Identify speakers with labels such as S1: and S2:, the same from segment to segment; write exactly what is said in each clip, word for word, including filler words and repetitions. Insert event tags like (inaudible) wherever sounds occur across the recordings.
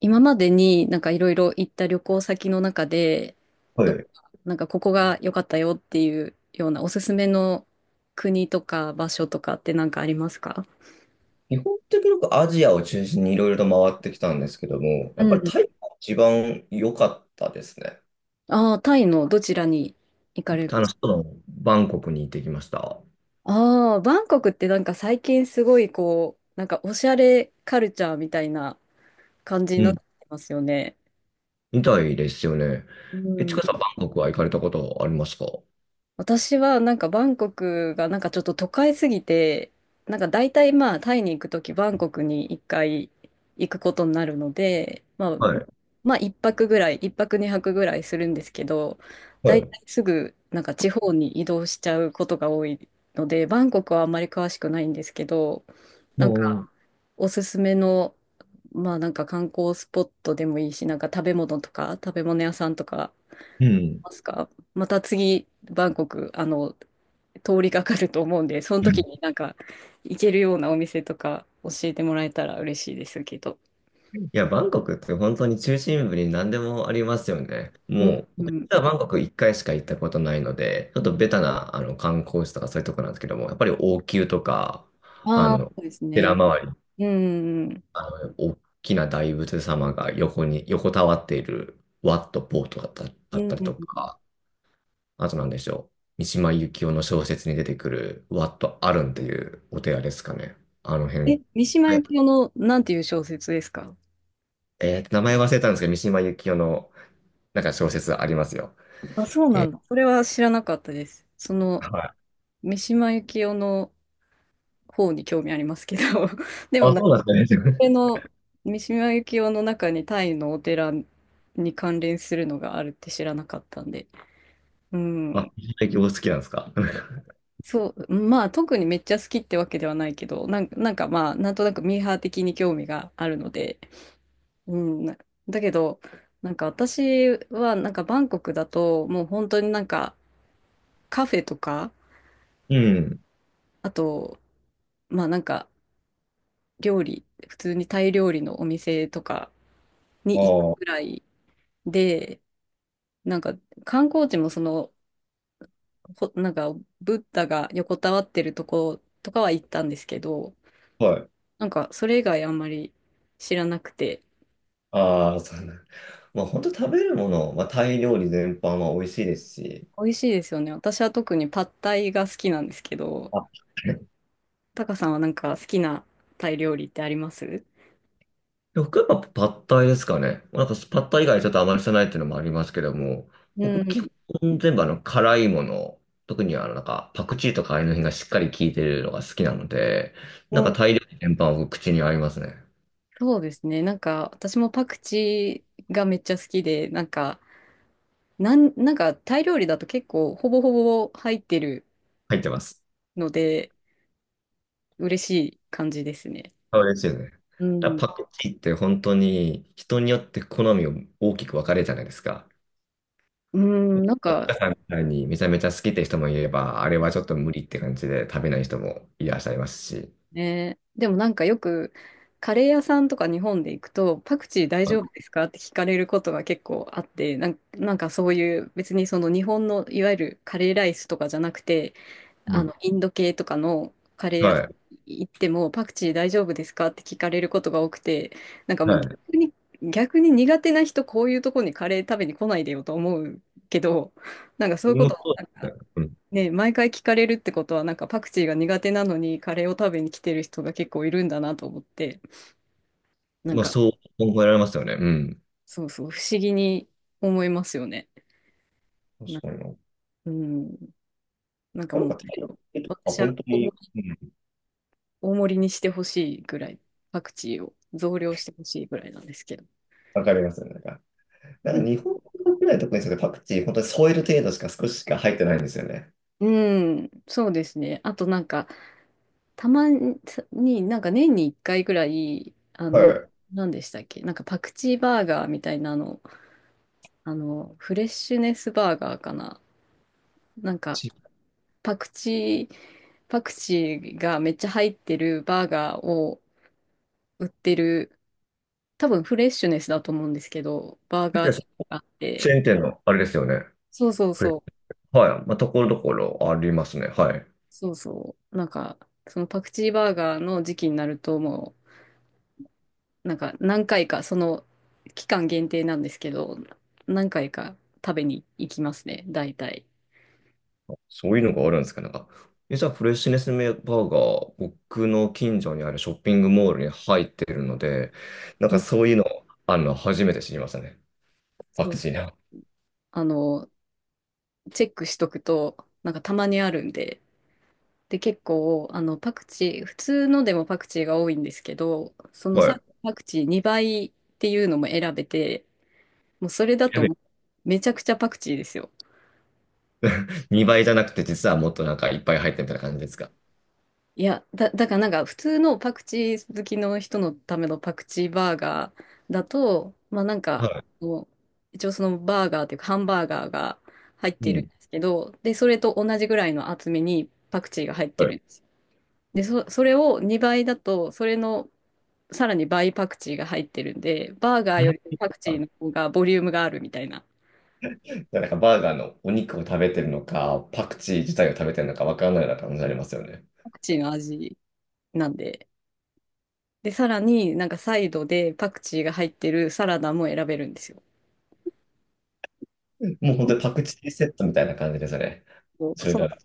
S1: 今までになんかいろいろ行った旅行先の中で、
S2: は
S1: ど
S2: い。
S1: こか、なんかここが良かったよっていうようなおすすめの国とか場所とかってなんかありますか？
S2: 基本的によくアジアを中心にいろいろと回ってきたんですけども、
S1: う
S2: やっぱり
S1: ん。
S2: タイが一番良かったですね。
S1: ああタイのどちらに行かれま
S2: 楽
S1: す？
S2: しそうなバンコクに行ってきました。
S1: ああバンコクってなんか最近すごいこう、なんかおしゃれカルチャーみたいな感じに
S2: う
S1: なっ
S2: ん。
S1: てますよね。
S2: みたいですよね。
S1: う
S2: え、ち
S1: ん。
S2: かさん、バンコクは行かれたことありますか？
S1: 私はなんかバンコクがなんかちょっと都会すぎて、なんか大体まあタイに行くときバンコクにいっかい行くことになるので、まあ、
S2: はい。
S1: まあ一泊ぐらい、いっぱくにはくぐらいするんですけど、
S2: は
S1: 大
S2: い。
S1: 体すぐなんか地方に移動しちゃうことが多いので、バンコクはあんまり詳しくないんですけど、なんか
S2: も
S1: おすすめの、まあなんか観光スポットでもいいし、なんか食べ物とか食べ物屋さんとか
S2: うん。
S1: ますか。また次、バンコク、あの、通りかかると思うんで、その時になんか、行けるようなお店とか教えてもらえたら嬉しいですけど。
S2: いや、バンコクって本当に中心部に何でもありますよね。
S1: う
S2: も
S1: ん、
S2: う、
S1: う
S2: 僕実
S1: ん。
S2: はバンコクいっかいしか行ったことないので、ちょっとベタなあの観光地とかそういうとこなんですけども、やっぱり王宮とか、あ
S1: ああ、
S2: の、
S1: そうです
S2: 寺
S1: ね。
S2: 周り、
S1: うん、うん、
S2: あの、大きな大仏様が横に、横たわっているワット・ポートだっただ
S1: う
S2: っ
S1: ん。
S2: たり
S1: うん。
S2: とか、あとなんでしょう、三島由紀夫の小説に出てくるワット・アルンっていうお寺ですかね。あの
S1: え、
S2: 辺。
S1: 三島
S2: は
S1: 由
S2: い、
S1: 紀夫の、なんていう小説ですか？
S2: えー名前忘れたんですけど、三島由紀夫のなんか小説ありますよ。
S1: あ、そうなん
S2: え、
S1: だ。それは知らなかったです。その、
S2: はい。
S1: 三島由紀夫の方に興味ありますけど、(laughs) でも
S2: あ、
S1: な
S2: そうなんですね。
S1: れの三島由紀夫の中にタイのお寺に関連するのがあるって知らなかったんで。う
S2: (laughs) あ、
S1: ん。
S2: 石焼きお好きなんですか。(laughs)
S1: そう、まあ特にめっちゃ好きってわけではないけど、なんか、なんかまあなんとなくミーハー的に興味があるので、うん。なだけど、なんか私はなんかバンコクだともう本当になんかカフェとか、
S2: うん。
S1: あと、まあなんか料理、普通にタイ料理のお店とかに行く
S2: あ
S1: く
S2: あ、
S1: らいで、なんか観光地もそのほ、なんか、ブッダが横たわってるとことかは行ったんですけど、
S2: はい。
S1: なんか、それ以外あんまり知らなくて、
S2: ああ、そうなん。(laughs) まあ、本当食べるもの、まあ、タイ料理全般は美味しいですし。
S1: 美味しいですよね。私は特にパッタイが好きなんですけど、
S2: あ、
S1: タカさんはなんか好きなタイ料理ってあります
S2: 僕はやっぱパッタイですかね。なんかパッタイ以外ちょっとあまりしてないっていうのもありますけども、
S1: う
S2: 僕
S1: ん。
S2: 基本全部あの辛いもの、特にあのなんかパクチーとかああいうの辺がしっかり効いてるのが好きなので、
S1: う
S2: なん
S1: ん、
S2: かタイ料理全般は僕口に合いますね。
S1: そうですね。なんか、私もパクチーがめっちゃ好きで、なんか、なん、なんか、タイ料理だと結構、ほぼほぼ入ってる
S2: 入ってます。
S1: ので、嬉しい感じですね。
S2: そうですよね。
S1: う
S2: だ
S1: ん。
S2: からパクチーって本当に人によって好みを大きく分かれるじゃないですか。
S1: うん、なんか、
S2: 岡さんみたいにめちゃめちゃ好きって人もいれば、あれはちょっと無理って感じで食べない人もいらっしゃいますし。
S1: ね。でもなんかよく、カレー屋さんとか日本で行くと、パクチー大丈夫
S2: あ
S1: ですかって聞かれることが結構あって、なん、なんかそういう別にその日本のいわゆるカレーライスとかじゃなくて、
S2: う
S1: あ
S2: ん、
S1: の、インド系とかのカレー屋さ
S2: は
S1: ん
S2: い。
S1: 行ってもパクチー大丈夫ですかって聞かれることが多くて、なんかもう
S2: は
S1: 逆に、逆に苦手な人こういうとこにカレー食べに来ないでよと思うけど、なんかそう
S2: い。
S1: いうこ
S2: もう
S1: と、
S2: そうですね。うん。
S1: ね、毎回聞かれるってことは、なんかパクチーが苦手なのにカレーを食べに来てる人が結構いるんだなと思って、なん
S2: まあ、
S1: か、
S2: そう思えられますよね。うん。
S1: そうそう、不思議に思いますよね。
S2: 確
S1: な、
S2: かにな。
S1: うん、なんか
S2: なん
S1: もう、
S2: かタイとか
S1: 私は
S2: 本当
S1: 大盛
S2: に、
S1: り、
S2: うん、
S1: 大盛りにしてほしいぐらい、パクチーを増量してほしいぐらいなんですけど。
S2: 分かりますよね。なんか、な
S1: う
S2: んか
S1: ん、
S2: 日本国内特にそれパクチー本当に添える程度しか少ししか入ってないんですよね。
S1: うん、そうですね。あとなんか、たまに、なんか年にいっかいぐらい、あ
S2: は
S1: の、
S2: い。
S1: 何でしたっけ、なんかパクチーバーガーみたいなの、あの、フレッシュネスバーガーかな。なんか、
S2: チ
S1: パクチー、パクチーがめっちゃ入ってるバーガーを売ってる、多分フレッシュネスだと思うんですけど、バーガーチェーンがあっ
S2: チ
S1: て、
S2: ェーン店のあれですよね。
S1: そうそう
S2: フレ
S1: そう、
S2: はい。まあ、ところどころありますね。はい。
S1: そうそう、なんか、そのパクチーバーガーの時期になると、もう、なんか何回か、その期間限定なんですけど、何回か食べに行きますね、大体。
S2: そういうのがあるんですか、なんか。え、じゃあ、フレッシュネスバーガー、僕の近所にあるショッピングモールに入ってるので、なん
S1: う
S2: か
S1: ん、
S2: そういうの、あるの、初めて知りましたね。パ
S1: そ
S2: ク
S1: う、
S2: チーな。
S1: あの、チェックしとくと、なんかたまにあるんで、で、結構、あの、パクチー、普通のでもパクチーが多いんですけど、その
S2: は
S1: さ、
S2: い。
S1: パクチーにばいっていうのも選べて、もうそれだ
S2: (laughs) や
S1: と
S2: べ
S1: もうめちゃくちゃパクチーですよ。
S2: にばいじゃなくて、実はもっとなんかいっぱい入ってるみたいな感じですか。
S1: いや、だ、だからなんか普通のパクチー好きの人のためのパクチーバーガーだと、まあなんか、
S2: は
S1: もう一応そのバーガーっていうかハンバーガーが入っ
S2: い。う
S1: てるん
S2: ん。
S1: ですけど、で、それと同じぐらいの厚みにパクチーが入っ
S2: は
S1: て
S2: い
S1: るんですよ。で、そ、それをにばいだと、それのさらに倍パクチーが入ってるんで、バーガーよりパクチ
S2: あ、
S1: ーの方がボリュームがあるみたいな、
S2: なんかバーガーのお肉を食べてるのか、パクチー自体を食べてるのかわからないような感じありますよね。
S1: パクチーの味なんで。で、さらになんかサイドでパクチーが入ってるサラダも選べるんですよ。
S2: もう本
S1: そ
S2: 当にパクチーセットみたいな感じですね。
S1: う、
S2: それ
S1: そ
S2: だ。
S1: う、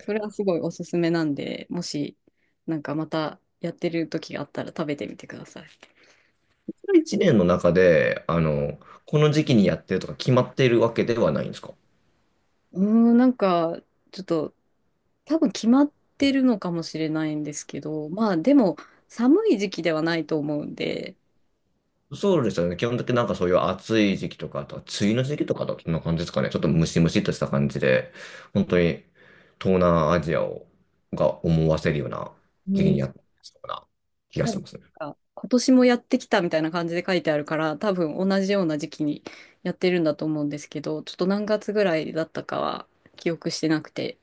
S1: それはすごいおすすめなんで、もしなんかまたやってる時があったら食べてみてください。
S2: いちねんの中で、あの、この時期にやってるとか決まっているわけではないんですか？
S1: うーん、なんかちょっと多分決まってるのかもしれないんですけど、まあでも寒い時期ではないと思うんで、
S2: そうですよね。基本的になんかそういう暑い時期とか、あとは梅雨の時期とかだとそんな感じですかね。ちょっとムシムシっとした感じで、本当に東南アジアをが思わせるような
S1: う
S2: 時期に
S1: ん。
S2: やってるような気が
S1: 多
S2: し
S1: 分
S2: ますね。
S1: なんか今年もやってきたみたいな感じで書いてあるから、多分同じような時期にやってるんだと思うんですけど、ちょっと何月ぐらいだったかは記憶してなくて。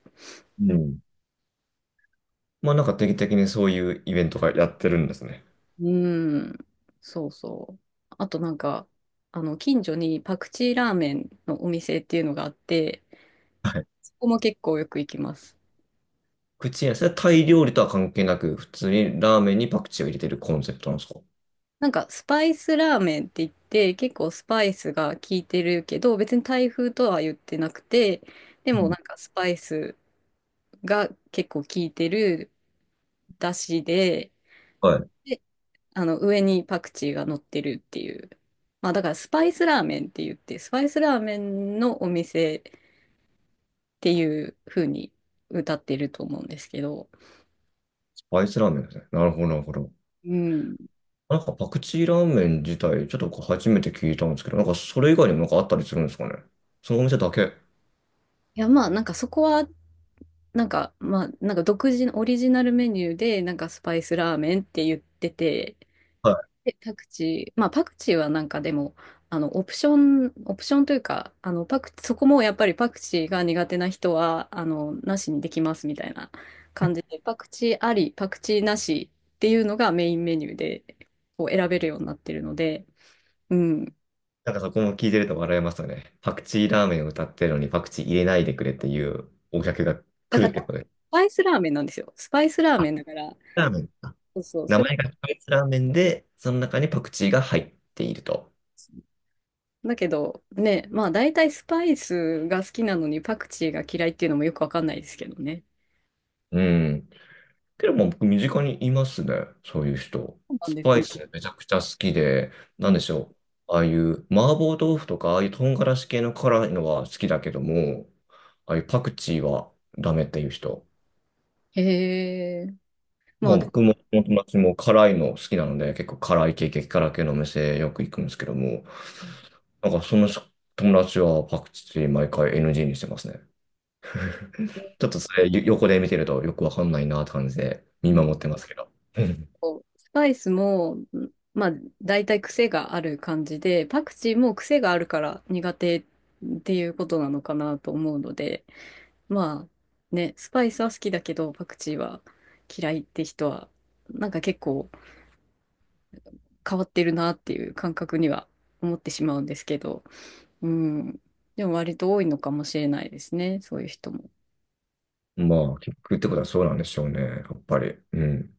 S2: う
S1: うん、
S2: ん。まあなんか定期的にそういうイベントがやってるんですね。
S1: うん、そうそう。あとなんか、あの、近所にパクチーラーメンのお店っていうのがあって、
S2: はい。
S1: そこも結構よく行きます。
S2: 口に、それはタイ料理とは関係なく、普通にラーメンにパクチーを入れてるコンセプトなんですか？
S1: なんかスパイスラーメンって言って、結構スパイスが効いてるけど、別に台風とは言ってなくて、で
S2: う
S1: も
S2: ん
S1: なんかスパイスが結構効いてる、だしで、で、あの、上にパクチーが乗ってるっていう。まあ、だからスパイスラーメンって言って、スパイスラーメンのお店っていう風に歌ってると思うんですけど、
S2: アイスラーメンですね。なるほど、なるほど。
S1: うん。い
S2: なんかパクチーラーメン自体、ちょっとこう初めて聞いたんですけど、なんかそれ以外にもなんかあったりするんですかね。そのお店だけ。
S1: や、まあ、なんかそこは、なんか、まあ、なんか独自のオリジナルメニューで、なんかスパイスラーメンって言ってて、
S2: はい。
S1: で、パクチー、まあパクチーはなんかでも、あの、オプション、オプションというか、あの、パク、そこもやっぱりパクチーが苦手な人は、あの、なしにできますみたいな感じで、パクチーあり、パクチーなしっていうのがメインメニューで、こう選べるようになってるので、うん。
S2: なんかそこも聞いてると笑えますよね。パクチーラーメンを歌ってるのにパクチー入れないでくれっていうお客が
S1: だ
S2: 来
S1: か
S2: る
S1: ら、
S2: ってことです。
S1: スパイスラーメンなんですよ。スパイスラー
S2: あ、
S1: メンだから、
S2: ラーメンか。
S1: そうそう、
S2: 名
S1: それ、
S2: 前がスパイスラーメンで、その中にパクチーが入っていると。
S1: だけど、ね、まあ大体スパイスが好きなのにパクチーが嫌いっていうのもよくわかんないですけどね。
S2: うん。けども僕身近にいますね、そういう人。
S1: そうなん
S2: ス
S1: です
S2: パイ
S1: ね。
S2: スめちゃくちゃ好きで、なんでしょう。ああいう麻婆豆腐とか、ああいう唐辛子系の辛いのは好きだけども、ああいうパクチーはダメっていう人。
S1: へえ。ま
S2: ま
S1: あ
S2: あ
S1: でも、
S2: 僕も友達も辛いの好きなので、結構辛い系、激辛系のお店よく行くんですけども、なんかその友達はパクチー毎回 エヌジー にしてますね。ちょっとそれよ横で見てるとよくわかんないなって感じで
S1: う
S2: 見
S1: ん
S2: 守ってますけど。(laughs)
S1: とスパイスも、うん、まあ大体癖がある感じで、パクチーも癖があるから苦手っていうことなのかなと思うので、まあね、スパイスは好きだけど、パクチーは嫌いって人は、なんか結構変わってるなっていう感覚には思ってしまうんですけど、うん。でも割と多いのかもしれないですね、そういう人も。
S2: まあ、結局ってことはそうなんでしょうね。やっぱり。うん。